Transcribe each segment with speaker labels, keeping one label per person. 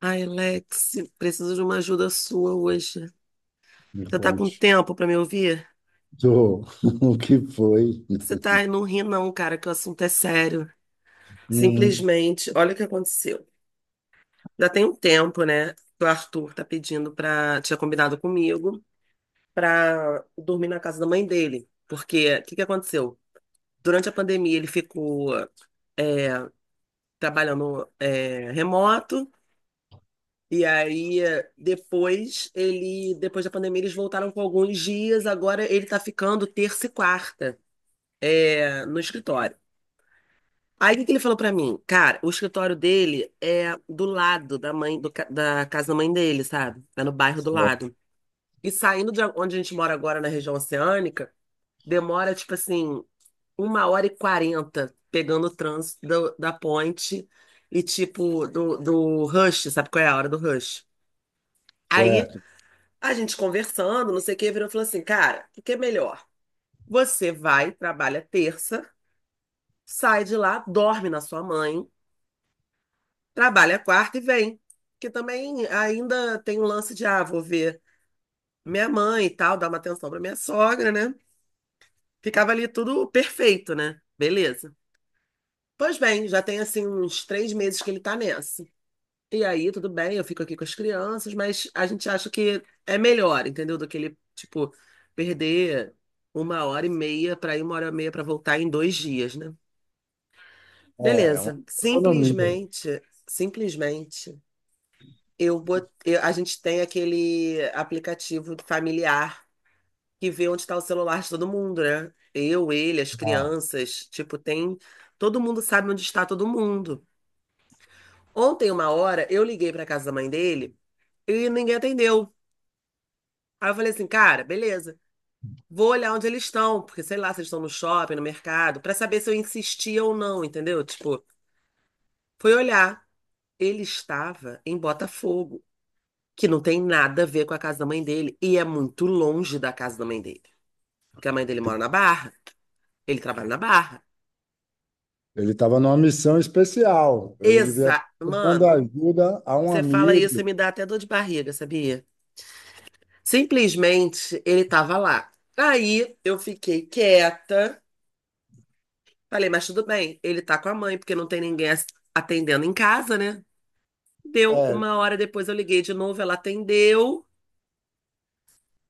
Speaker 1: Ai, Lex, preciso de uma ajuda sua hoje.
Speaker 2: Me
Speaker 1: Você tá com
Speaker 2: conte.
Speaker 1: tempo pra me ouvir?
Speaker 2: Do, o que foi?
Speaker 1: Você tá, não ri não, cara, que o assunto é sério.
Speaker 2: Hum.
Speaker 1: Simplesmente, olha o que aconteceu. Já tem um tempo, né, que o Arthur tá pedindo pra, tinha combinado comigo, pra dormir na casa da mãe dele. Porque, o que que aconteceu? Durante a pandemia, ele ficou trabalhando remoto, e aí, depois, depois da pandemia, eles voltaram com alguns dias. Agora ele tá ficando terça e quarta, é, no escritório. Aí o que que ele falou pra mim? Cara, o escritório dele é do lado da mãe da casa da mãe dele, sabe? É no bairro do
Speaker 2: Certo.
Speaker 1: lado. E saindo de onde a gente mora agora, na região oceânica, demora tipo assim, 1h40 pegando o trânsito da ponte e tipo do rush, sabe qual é a hora do rush? Aí
Speaker 2: Certo.
Speaker 1: a gente conversando, não sei o que, virou e falou assim, cara, o que é melhor? Você vai, trabalha terça, sai de lá, dorme na sua mãe. Trabalha quarta e vem. Que também ainda tem um lance de, ah, vou ver minha mãe e tal, dar uma atenção para minha sogra, né? Ficava ali tudo perfeito, né? Beleza. Pois bem, já tem assim uns 3 meses que ele tá nessa. E aí, tudo bem, eu fico aqui com as crianças, mas a gente acha que é melhor, entendeu? Do que ele, tipo, perder 1 hora e meia para ir, 1 hora e meia para voltar em 2 dias, né?
Speaker 2: É, uma
Speaker 1: Beleza.
Speaker 2: economia.
Speaker 1: Simplesmente, simplesmente. A gente tem aquele aplicativo familiar que vê onde está o celular de todo mundo, né? Eu, ele, as
Speaker 2: Ah,
Speaker 1: crianças, tipo, tem. Todo mundo sabe onde está todo mundo. Ontem, 1 hora, eu liguei para casa da mãe dele e ninguém atendeu. Aí eu falei assim, cara, beleza. Vou olhar onde eles estão, porque sei lá se eles estão no shopping, no mercado, para saber se eu insistia ou não, entendeu? Tipo, foi olhar. Ele estava em Botafogo, que não tem nada a ver com a casa da mãe dele e é muito longe da casa da mãe dele. Porque a mãe dele mora na Barra, ele trabalha na Barra.
Speaker 2: ele estava numa missão especial. Ele devia
Speaker 1: Exa,
Speaker 2: estar dando
Speaker 1: mano,
Speaker 2: ajuda a um
Speaker 1: você fala isso e
Speaker 2: amigo.
Speaker 1: me dá até dor de barriga, sabia? Simplesmente ele tava lá. Aí eu fiquei quieta, falei, mas tudo bem, ele tá com a mãe, porque não tem ninguém atendendo em casa, né? Deu
Speaker 2: É,
Speaker 1: 1 hora depois, eu liguei de novo, ela atendeu.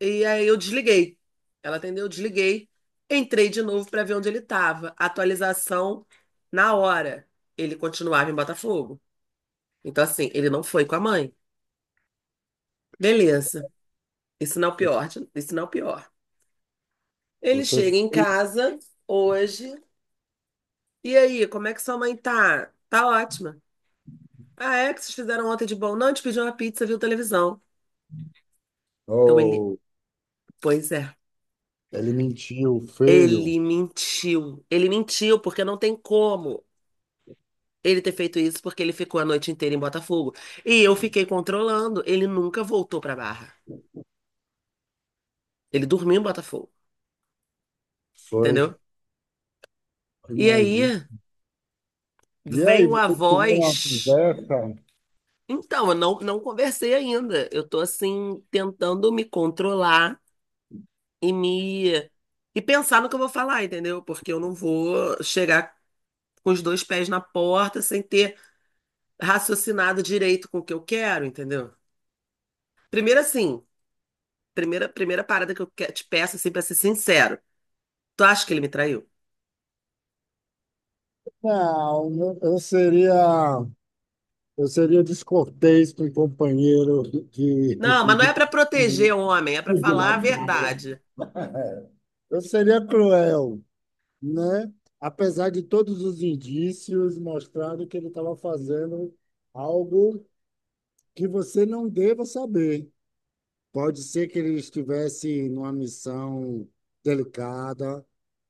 Speaker 1: E aí eu desliguei. Ela atendeu, eu desliguei. Entrei de novo para ver onde ele estava. Atualização na hora. Ele continuava em Botafogo. Então, assim, ele não foi com a mãe. Beleza. Isso não é o pior. Isso não é o pior. Ele
Speaker 2: você
Speaker 1: chega em
Speaker 2: fez.
Speaker 1: casa hoje. E aí, como é que sua mãe tá? Tá ótima. Ah, é. O que vocês fizeram ontem de bom? Não, a gente pediu uma pizza, viu televisão. Então ele.
Speaker 2: Ou
Speaker 1: Pois é.
Speaker 2: ele mentiu, feio.
Speaker 1: Ele mentiu. Ele mentiu, porque não tem como ele ter feito isso porque ele ficou a noite inteira em Botafogo. E eu fiquei controlando, ele nunca voltou pra Barra. Ele dormiu em Botafogo,
Speaker 2: Foi.
Speaker 1: entendeu? E
Speaker 2: Imagina.
Speaker 1: aí
Speaker 2: E aí,
Speaker 1: vem a
Speaker 2: vocês tiveram uma
Speaker 1: voz.
Speaker 2: conversa?
Speaker 1: Então, eu não, não conversei ainda. Eu tô assim, tentando me controlar e me. E pensar no que eu vou falar, entendeu? Porque eu não vou chegar com os dois pés na porta sem ter raciocinado direito com o que eu quero, entendeu? Primeiro assim, primeira parada que te peço assim para ser sincero. Tu acha que ele me traiu?
Speaker 2: Não, eu eu seria, eu seria descortês com o companheiro
Speaker 1: Não, mas não é pra proteger o homem, é pra
Speaker 2: de,
Speaker 1: falar a verdade.
Speaker 2: Eu seria cruel, né? Apesar de todos os indícios mostrando que ele estava fazendo algo que você não deva saber. Pode ser que ele estivesse numa missão delicada,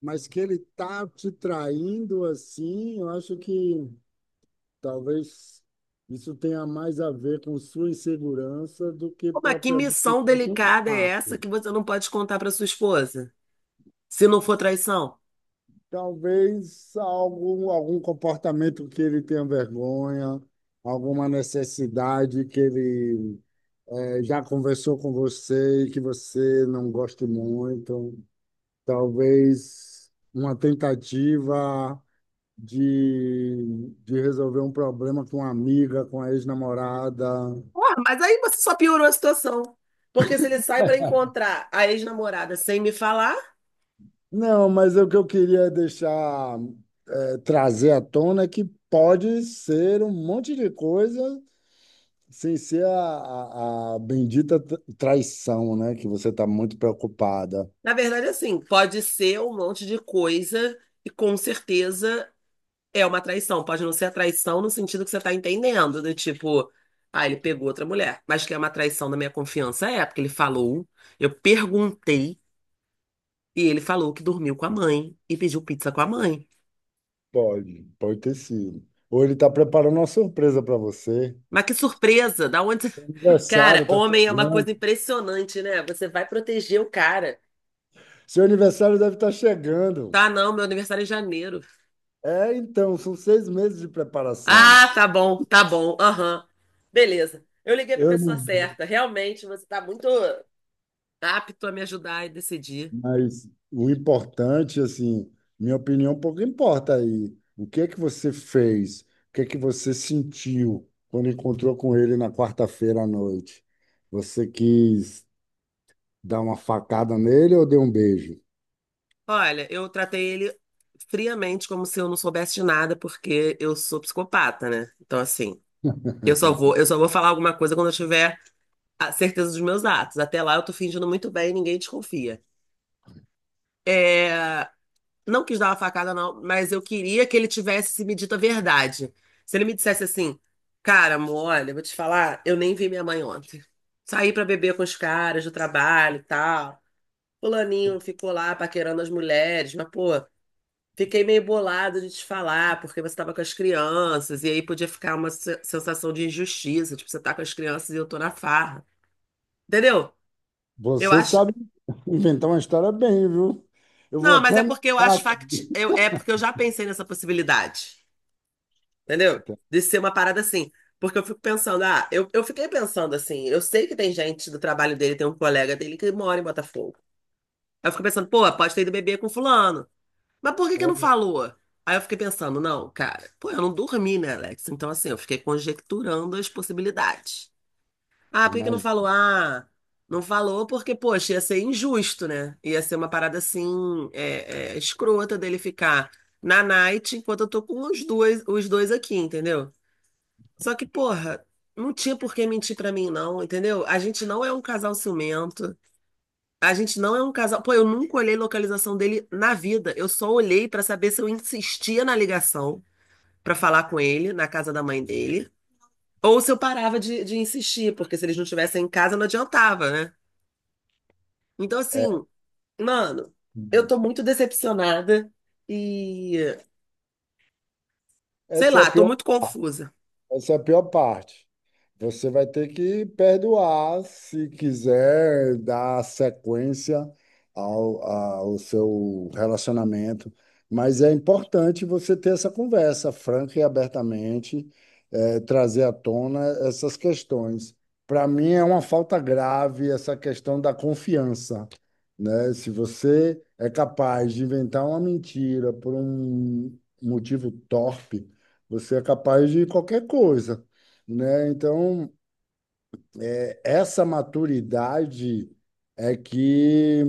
Speaker 2: mas que ele tá te traindo assim, eu acho que talvez isso tenha mais a ver com sua insegurança do que
Speaker 1: Ô, mas que
Speaker 2: propriamente o
Speaker 1: missão delicada é essa
Speaker 2: fato.
Speaker 1: que você não pode contar pra sua esposa? Se não for traição?
Speaker 2: Talvez algum comportamento que ele tenha vergonha, alguma necessidade que ele já conversou com você e que você não goste muito. Talvez uma tentativa de resolver um problema com uma amiga, com a ex-namorada.
Speaker 1: Porra, mas aí você só piorou a situação. Porque se ele sai pra encontrar a ex-namorada sem me falar,
Speaker 2: Não, mas o que eu queria deixar, trazer à tona é que pode ser um monte de coisa, sem ser a bendita traição, né? Que você está muito preocupada.
Speaker 1: na verdade, assim, pode ser um monte de coisa e com certeza é uma traição. Pode não ser a traição no sentido que você tá entendendo, do tipo, ah, ele pegou outra mulher, mas que é uma traição da minha confiança, é, porque ele falou, eu perguntei, e ele falou que dormiu com a mãe e pediu pizza com a mãe.
Speaker 2: Pode, pode ter sido. Ou ele está preparando uma surpresa para você.
Speaker 1: Mas que surpresa, da onde.
Speaker 2: Aniversário
Speaker 1: Cara,
Speaker 2: está
Speaker 1: homem é uma
Speaker 2: chegando.
Speaker 1: coisa impressionante, né? Você vai proteger o cara.
Speaker 2: Seu aniversário deve estar chegando.
Speaker 1: Tá, não, meu aniversário é em janeiro.
Speaker 2: É, então, são 6 meses de preparação.
Speaker 1: Ah, tá bom, aham. Beleza. Eu liguei pra
Speaker 2: Eu
Speaker 1: pessoa
Speaker 2: não,
Speaker 1: certa. Realmente, você tá muito apto a me ajudar e decidir.
Speaker 2: mas o importante, assim, minha opinião um pouco importa aí. O que é que você fez? O que é que você sentiu quando encontrou com ele na quarta-feira à noite? Você quis dar uma facada nele ou dei um beijo?
Speaker 1: Olha, eu tratei ele friamente como se eu não soubesse de nada, porque eu sou psicopata, né? Então, assim, eu só vou falar alguma coisa quando eu tiver a certeza dos meus atos. Até lá eu tô fingindo muito bem e ninguém desconfia. É, não quis dar uma facada, não, mas eu queria que ele tivesse se me dito a verdade. Se ele me dissesse assim, cara, amor, olha, eu vou te falar, eu nem vi minha mãe ontem. Saí pra beber com os caras do trabalho e tal. Fulaninho ficou lá paquerando as mulheres, mas, pô. Fiquei meio bolada de te falar, porque você estava com as crianças, e aí podia ficar uma sensação de injustiça, tipo, você tá com as crianças e eu tô na farra. Entendeu? Eu
Speaker 2: Você
Speaker 1: acho.
Speaker 2: sabe inventar uma história bem, viu? Eu vou
Speaker 1: Não,
Speaker 2: até
Speaker 1: mas é
Speaker 2: anotar
Speaker 1: porque eu acho fact...
Speaker 2: aqui.
Speaker 1: eu- é porque eu já pensei nessa possibilidade. Entendeu? De ser uma parada assim. Porque eu fico pensando, ah, eu fiquei pensando assim, eu sei que tem gente do trabalho dele, tem um colega dele que mora em Botafogo. Aí eu fico pensando, pô, pode ter ido beber com fulano. Mas por que que não falou? Aí eu fiquei pensando, não, cara, pô, eu não dormi, né, Alex? Então, assim, eu fiquei conjecturando as possibilidades. Ah,
Speaker 2: É,
Speaker 1: por que que não
Speaker 2: mas
Speaker 1: falou? Ah, não falou porque, poxa, ia ser injusto, né? Ia ser uma parada assim, é, é, escrota dele ficar na night enquanto eu tô com os dois aqui, entendeu? Só que, porra, não tinha por que mentir pra mim, não, entendeu? A gente não é um casal ciumento. A gente não é um casal. Pô, eu nunca olhei localização dele na vida. Eu só olhei pra saber se eu insistia na ligação pra falar com ele, na casa da mãe dele, ou se eu parava de, insistir, porque se eles não estivessem em casa não adiantava, né? Então,
Speaker 2: é,
Speaker 1: assim, mano, eu tô muito decepcionada e sei
Speaker 2: essa é a
Speaker 1: lá, tô
Speaker 2: pior.
Speaker 1: muito confusa.
Speaker 2: Essa é a pior parte. Você vai ter que perdoar se quiser dar sequência ao seu relacionamento. Mas é importante você ter essa conversa franca e abertamente, trazer à tona essas questões. Para mim, é uma falta grave essa questão da confiança, né? Se você é capaz de inventar uma mentira por um motivo torpe, você é capaz de qualquer coisa, né? Então, essa maturidade é que,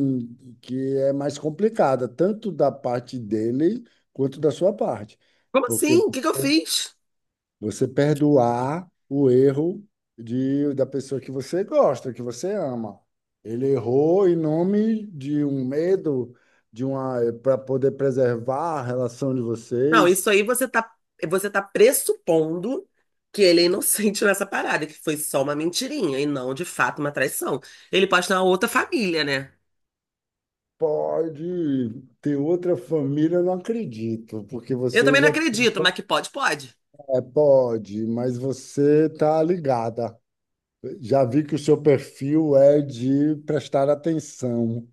Speaker 2: que é mais complicada, tanto da parte dele quanto da sua parte.
Speaker 1: Como
Speaker 2: Porque
Speaker 1: assim? O que que eu fiz?
Speaker 2: você perdoar o erro da pessoa que você gosta, que você ama. Ele errou em nome de um medo, para poder preservar a relação de
Speaker 1: Não,
Speaker 2: vocês.
Speaker 1: isso aí você tá pressupondo que ele é inocente nessa parada, que foi só uma mentirinha e não, de fato, uma traição. Ele pode ter uma outra família, né?
Speaker 2: Pode ter outra família, eu não acredito, porque
Speaker 1: Eu
Speaker 2: você
Speaker 1: também não
Speaker 2: já é...
Speaker 1: acredito, mas que pode, pode.
Speaker 2: Pode, mas você está ligada. Já vi que o seu perfil é de prestar atenção,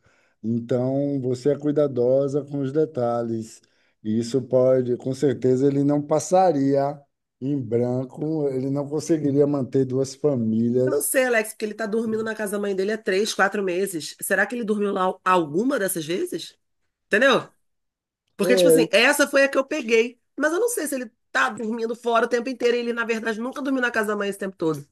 Speaker 2: então você é cuidadosa com os detalhes. E isso pode, com certeza, ele não passaria em branco, ele não conseguiria manter duas
Speaker 1: Eu não
Speaker 2: famílias.
Speaker 1: sei, Alex, porque ele tá dormindo na casa da mãe dele há 3, 4 meses. Será que ele dormiu lá alguma dessas vezes? Entendeu? Porque, tipo
Speaker 2: É,
Speaker 1: assim, essa foi a que eu peguei. Mas eu não sei se ele tá dormindo fora o tempo inteiro e ele, na verdade, nunca dormiu na casa da mãe esse tempo todo.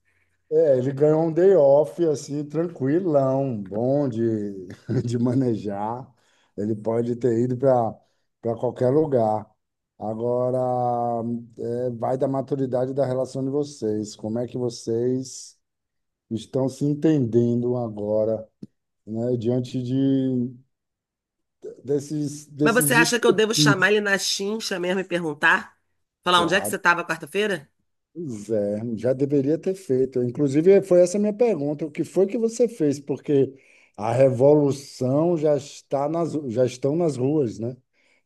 Speaker 2: é, ele ganhou um day off, assim, tranquilão, bom de, de manejar. Ele pode ter ido para qualquer lugar. Agora, vai da maturidade da relação de vocês. Como é que vocês estão se entendendo agora, né, diante
Speaker 1: Mas você
Speaker 2: desses
Speaker 1: acha que eu devo chamar
Speaker 2: estupins?
Speaker 1: ele na chincha mesmo e perguntar? Falar onde é que você estava quarta-feira?
Speaker 2: Pois é, já deveria ter feito. Inclusive, foi essa a minha pergunta. O que foi que você fez? Porque a revolução já estão nas ruas, né?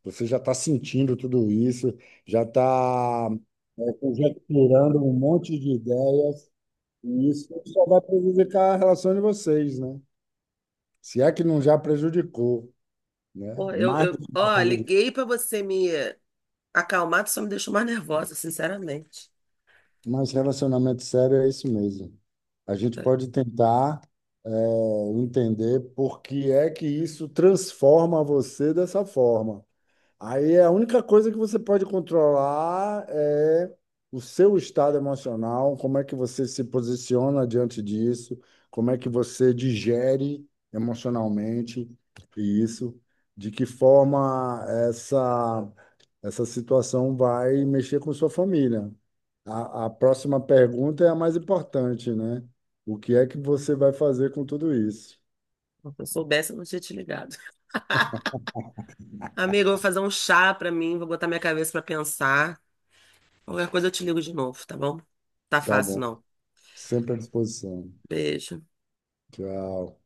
Speaker 2: Você já está sentindo tudo isso, já está conjecturando um monte de ideias, e isso só vai prejudicar a relação de vocês, né? Se é que não já prejudicou, né?
Speaker 1: Pô,
Speaker 2: Mais, mais
Speaker 1: ó, liguei pra você me acalmar, tu só me deixou mais nervosa, sinceramente.
Speaker 2: relacionamento sério é isso mesmo. A gente pode tentar entender por que é que isso transforma você dessa forma. Aí é a única coisa que você pode controlar é o seu estado emocional, como é que você se posiciona diante disso, como é que você digere emocionalmente isso, de que forma essa situação vai mexer com sua família. A próxima pergunta é a mais importante, né? O que é que você vai fazer com tudo isso?
Speaker 1: Se eu soubesse, eu não tinha te ligado. Amigo, eu vou fazer um chá pra mim, vou botar minha cabeça pra pensar. Qualquer coisa eu te ligo de novo, tá bom? Tá
Speaker 2: Tá
Speaker 1: fácil,
Speaker 2: bom.
Speaker 1: não.
Speaker 2: Sempre à disposição.
Speaker 1: Beijo.
Speaker 2: Tchau.